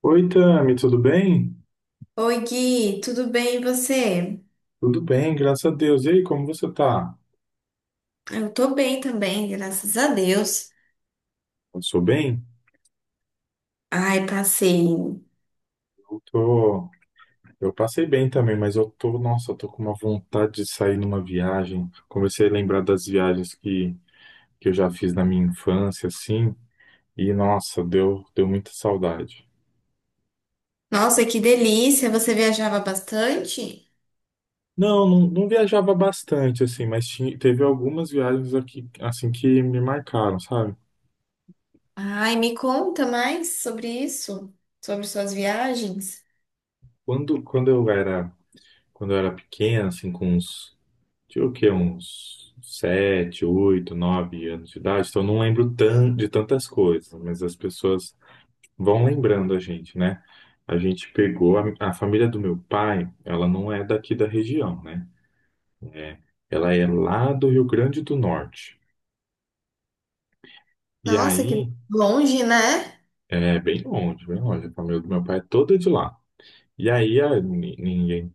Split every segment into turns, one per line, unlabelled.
Oi, Tami, tudo bem?
Oi, Gui, tudo bem e você?
Tudo bem, graças a Deus. E aí, como você tá?
Eu tô bem também, graças a Deus.
Passou bem?
Ai, passei.
Eu tô... Eu passei bem também, mas eu tô, nossa, eu tô com uma vontade de sair numa viagem. Comecei a lembrar das viagens que eu já fiz na minha infância, assim, e nossa, deu muita saudade.
Nossa, que delícia! Você viajava bastante?
Não, não, não viajava bastante, assim, mas teve algumas viagens aqui, assim, que me marcaram, sabe?
Ai, me conta mais sobre isso, sobre suas viagens.
Quando, quando eu era, quando eu era pequeno, assim, com uns tinha o quê? Uns 7, 8, 9 anos de idade, então eu não lembro de tantas coisas, mas as pessoas vão lembrando a gente, né? A gente pegou a família do meu pai, ela não é daqui da região, né? É, ela é lá do Rio Grande do Norte. E
Nossa, que
aí,
longe, né?
é bem longe, bem longe. A família do meu pai é toda de lá. E aí, a, ni- ninguém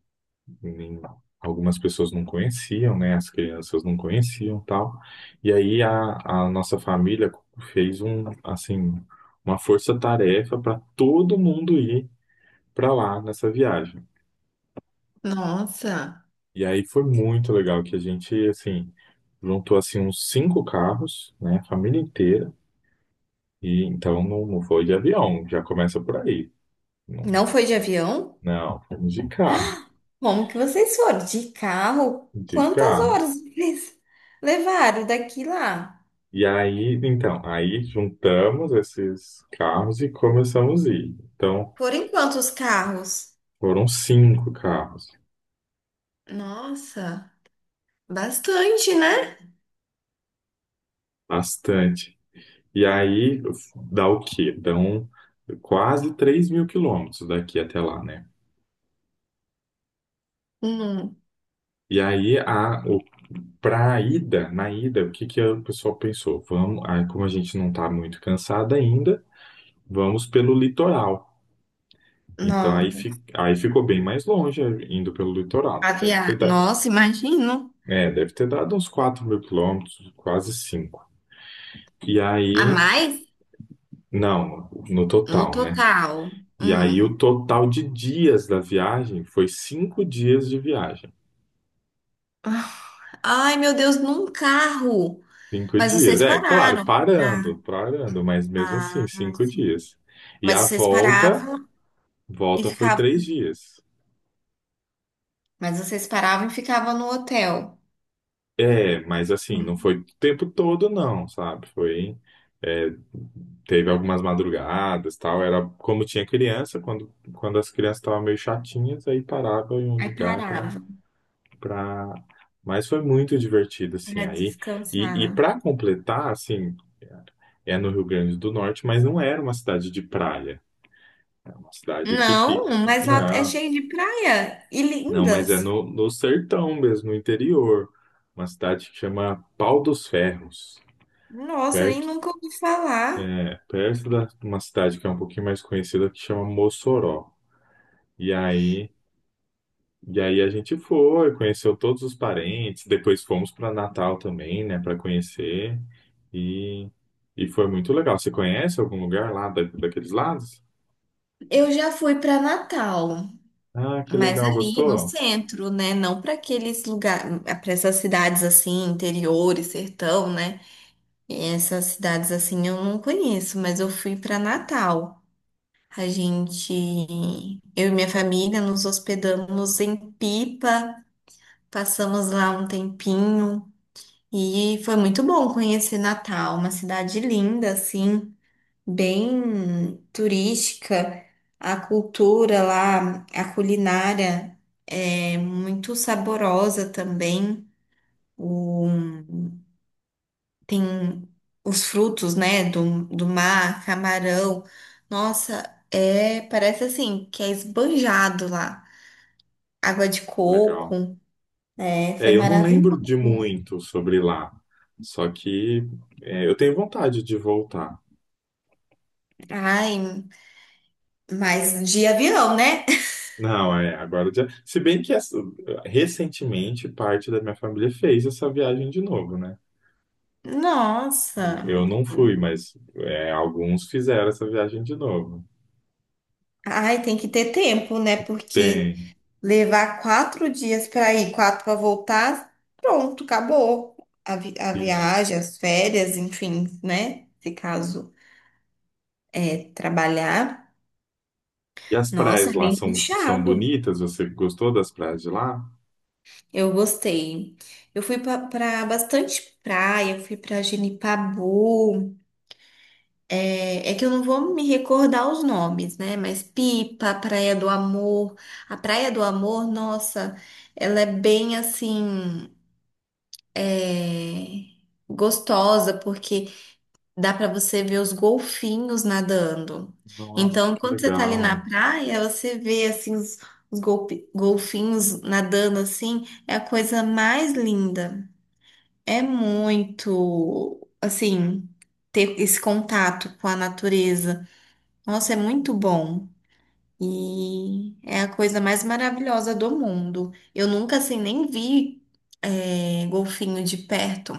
nem- algumas pessoas não conheciam, né? As crianças não conheciam, tal. E aí a nossa família fez assim, uma força-tarefa para todo mundo ir para lá nessa viagem.
Nossa,
E aí foi muito legal que a gente, assim, juntou assim uns cinco carros, né? A família inteira. E então não, não foi de avião, já começa por aí.
não
Não,
foi de avião?
não, fomos de carro,
Como que vocês foram? De carro?
de
Quantas horas
carro.
vocês levaram daqui lá?
E aí, então, aí juntamos esses carros e começamos a ir. Então,
Foram em quantos carros?
foram cinco carros,
Nossa, bastante, né?
bastante. E aí, dá o quê? Dão quase 3.000 quilômetros daqui até lá, né?
Hum.
E aí, a, o, pra ida, na ida, o que que o pessoal pensou? Vamos, aí, como a gente não tá muito cansado ainda, vamos pelo litoral. Então, aí,
Não
fi, aí ficou bem mais longe, indo pelo litoral. Deve ter,
caviar. Nossa, imagino.
É, deve ter dado uns 4.000 quilômetros, quase 5. E
A
aí,
mais
não, no
no
total, né?
total.
E aí o
Hum.
total de dias da viagem foi 5 dias de viagem.
Ai, meu Deus, num carro.
Cinco
Mas
dias,
vocês
é, claro,
pararam.
parando, parando, mas mesmo assim,
Ah,
cinco
sim.
dias. E
Mas
a
vocês
volta,
paravam e
volta foi
ficavam.
3 dias.
Mas vocês paravam e ficavam no hotel.
É, mas assim, não
Hum.
foi o tempo todo, não, sabe? Foi é, teve algumas madrugadas, tal, era como tinha criança, quando as crianças estavam meio chatinhas, aí parava em um
Aí
lugar para
paravam
para mas foi muito divertido assim
para
aí. E
descansar.
para completar, assim, é no Rio Grande do Norte, mas não era uma cidade de praia, é uma cidade que
Não,
fica,
mas lá é
não,
cheio de praia e
não, mas é
lindas.
no sertão mesmo, no interior, uma cidade que chama Pau dos Ferros.
Nossa, nem
Perto,
nunca ouvi falar.
é perto da uma cidade que é um pouquinho mais conhecida que chama Mossoró. E aí, E aí, a gente foi, conheceu todos os parentes, depois fomos para Natal também, né, para conhecer. E, e foi muito legal. Você conhece algum lugar lá da, daqueles lados?
Eu já fui para Natal.
Ah, que
Mas
legal,
ali no
gostou?
centro, né? Não para aqueles lugares, para essas cidades assim, interiores, sertão, né? Essas cidades assim eu não conheço, mas eu fui para Natal. A gente, eu e minha família, nos hospedamos em Pipa, passamos lá um tempinho e foi muito bom conhecer Natal, uma cidade linda assim, bem turística. A cultura lá, a culinária é muito saborosa também. O, tem os frutos, né, do mar, camarão. Nossa, parece assim que é esbanjado lá. Água de
Legal.
coco, foi
É, eu não lembro de
maravilhoso.
muito sobre lá, só que eu tenho vontade de voltar.
Ai, mas de avião, né?
Não, é, agora já. Se bem que essa- recentemente parte da minha família fez essa viagem de novo, né?
Nossa,
Eu não fui, mas é, alguns fizeram essa viagem de novo.
ai, tem que ter tempo, né? Porque
Tem.
levar 4 dias para ir, quatro para voltar, pronto, acabou. A
E,
viagem, as férias, enfim, né? Se caso é trabalhar.
e as
Nossa,
praias
é
lá
bem
são, são
puxado.
bonitas? Você gostou das praias de lá?
Eu gostei. Eu fui para bastante praia, eu fui para Genipabu. É que eu não vou me recordar os nomes, né? Mas Pipa, Praia do Amor. A Praia do Amor, nossa, ela é bem assim. é, gostosa, porque dá para você ver os golfinhos nadando.
Nossa,
Então,
que
quando você tá ali na
legal.
praia, você vê assim os golfinhos nadando assim, é a coisa mais linda. É muito, assim, ter esse contato com a natureza. Nossa, é muito bom. E é a coisa mais maravilhosa do mundo. Eu nunca, assim, nem vi, golfinho de perto.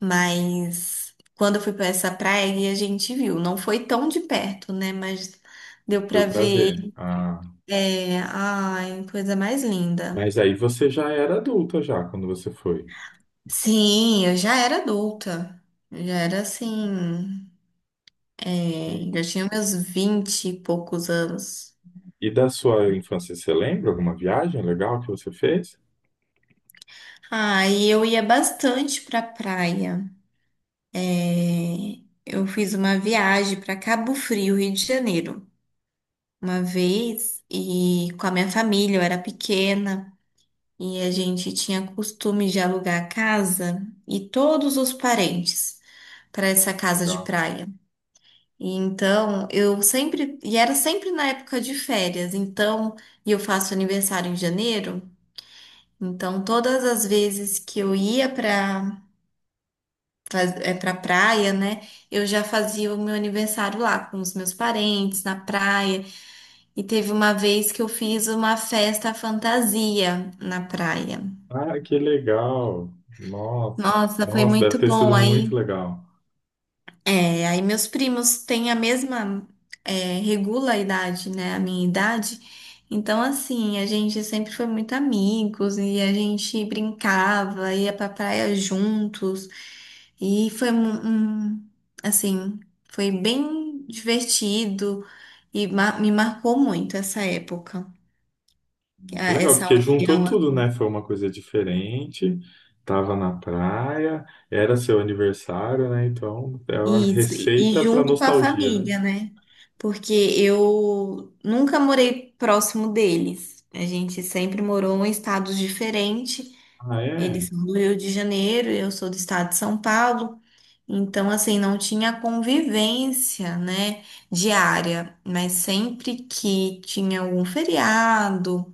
Mas quando eu fui para essa praia e a gente viu, não foi tão de perto, né? Mas deu
Deu
para
pra
ver.
ver. Ah,
É, ai, coisa mais linda.
mas aí você já era adulta já quando você foi.
Sim, eu já era adulta. Eu já era assim,
E,
já tinha meus vinte e poucos anos.
e da sua infância, você lembra alguma viagem legal que você fez?
Ah, e eu ia bastante pra praia. É, eu fiz uma viagem para Cabo Frio, Rio de Janeiro, uma vez, e com a minha família, eu era pequena. E a gente tinha costume de alugar a casa e todos os parentes para essa casa de
Legal.
praia. E então eu sempre, e era sempre na época de férias, então, e eu faço aniversário em janeiro, então todas as vezes que eu ia para praia, né, eu já fazia o meu aniversário lá com os meus parentes, na praia. E teve uma vez que eu fiz uma festa fantasia na praia.
Ah, que legal! Nossa,
Nossa, foi
nossa, deve
muito
ter sido
bom
muito
aí.
legal.
É, aí meus primos têm a mesma, regula a idade, né? A minha idade. Então, assim, a gente sempre foi muito amigos e a gente brincava, ia pra praia juntos. E foi assim, foi bem divertido e me marcou muito essa época,
Que legal,
essa
porque juntou
união.
tudo, né? Foi uma coisa diferente, tava na praia, era seu aniversário, né? Então, é uma
Isso, e
receita para
junto com a
nostalgia, né?
família, né? Porque eu nunca morei próximo deles. A gente sempre morou em estados diferentes.
Ah, é?
Eles são do Rio de Janeiro, eu sou do estado de São Paulo. Então, assim, não tinha convivência, né, diária. Mas sempre que tinha algum feriado,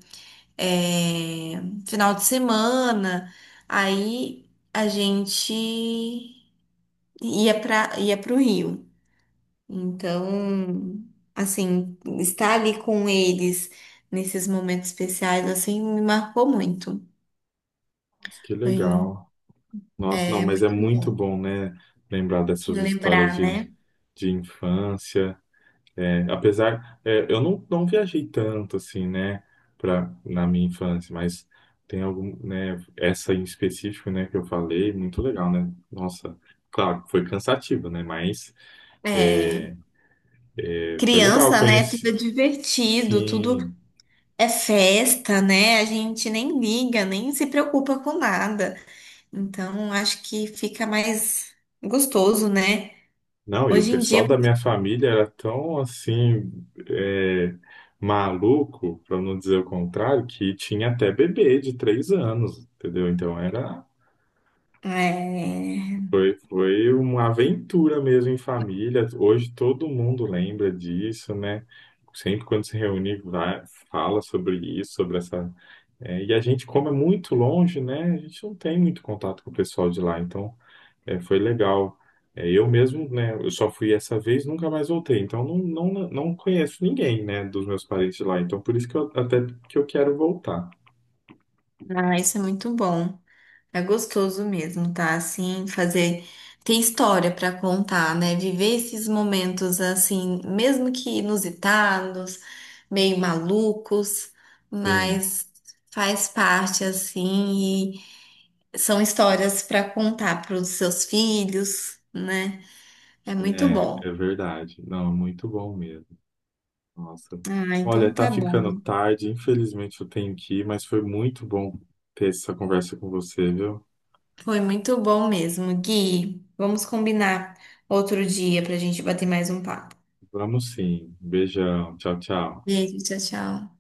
é final de semana, aí a gente ia para o Rio. Então, assim, estar ali com eles nesses momentos especiais, assim, me marcou muito.
Nossa, que
Foi,
legal. Nossa, não, mas é
muito
muito
bom
bom, né? Lembrar dessas histórias
relembrar, né?
de infância. É, apesar, é, eu não viajei tanto assim, né, pra, na minha infância, mas tem algum, né, essa em específico, né, que eu falei, muito legal, né? Nossa, claro, foi cansativo, né, mas
É,
é, foi legal, eu
criança, né? Tudo
conheci,
é divertido, tudo
sim.
é festa, né? A gente nem liga, nem se preocupa com nada. Então, acho que fica mais gostoso, né?
Não, e o
Hoje em
pessoal
dia,
da minha família era tão assim, é, maluco, para não dizer o contrário, que tinha até bebê de 3 anos, entendeu? Então era
é,
foi uma aventura mesmo em família. Hoje todo mundo lembra disso, né? Sempre quando se reúne, vai, fala sobre isso, sobre essa. É, e a gente, como é muito longe, né? A gente não tem muito contato com o pessoal de lá, então é, foi legal. É, eu mesmo, né? Eu só fui essa vez, nunca mais voltei. Então não, não, não conheço ninguém, né? Dos meus parentes de lá. Então por isso que eu até que eu quero voltar.
ah, isso é muito bom. É gostoso mesmo, tá? Assim, fazer. Ter história pra contar, né? Viver esses momentos assim, mesmo que inusitados, meio malucos,
Sim,
mas faz parte assim e são histórias pra contar pros seus filhos, né? É muito bom.
é verdade. Não, muito bom mesmo. Nossa.
Ah,
Olha,
então
tá
tá
ficando
bom.
tarde, infelizmente eu tenho que ir, mas foi muito bom ter essa conversa com você, viu?
Foi muito bom mesmo, Gui. Vamos combinar outro dia pra gente bater mais um papo.
Vamos sim. Beijão. Tchau, tchau.
Beijo, tchau, tchau.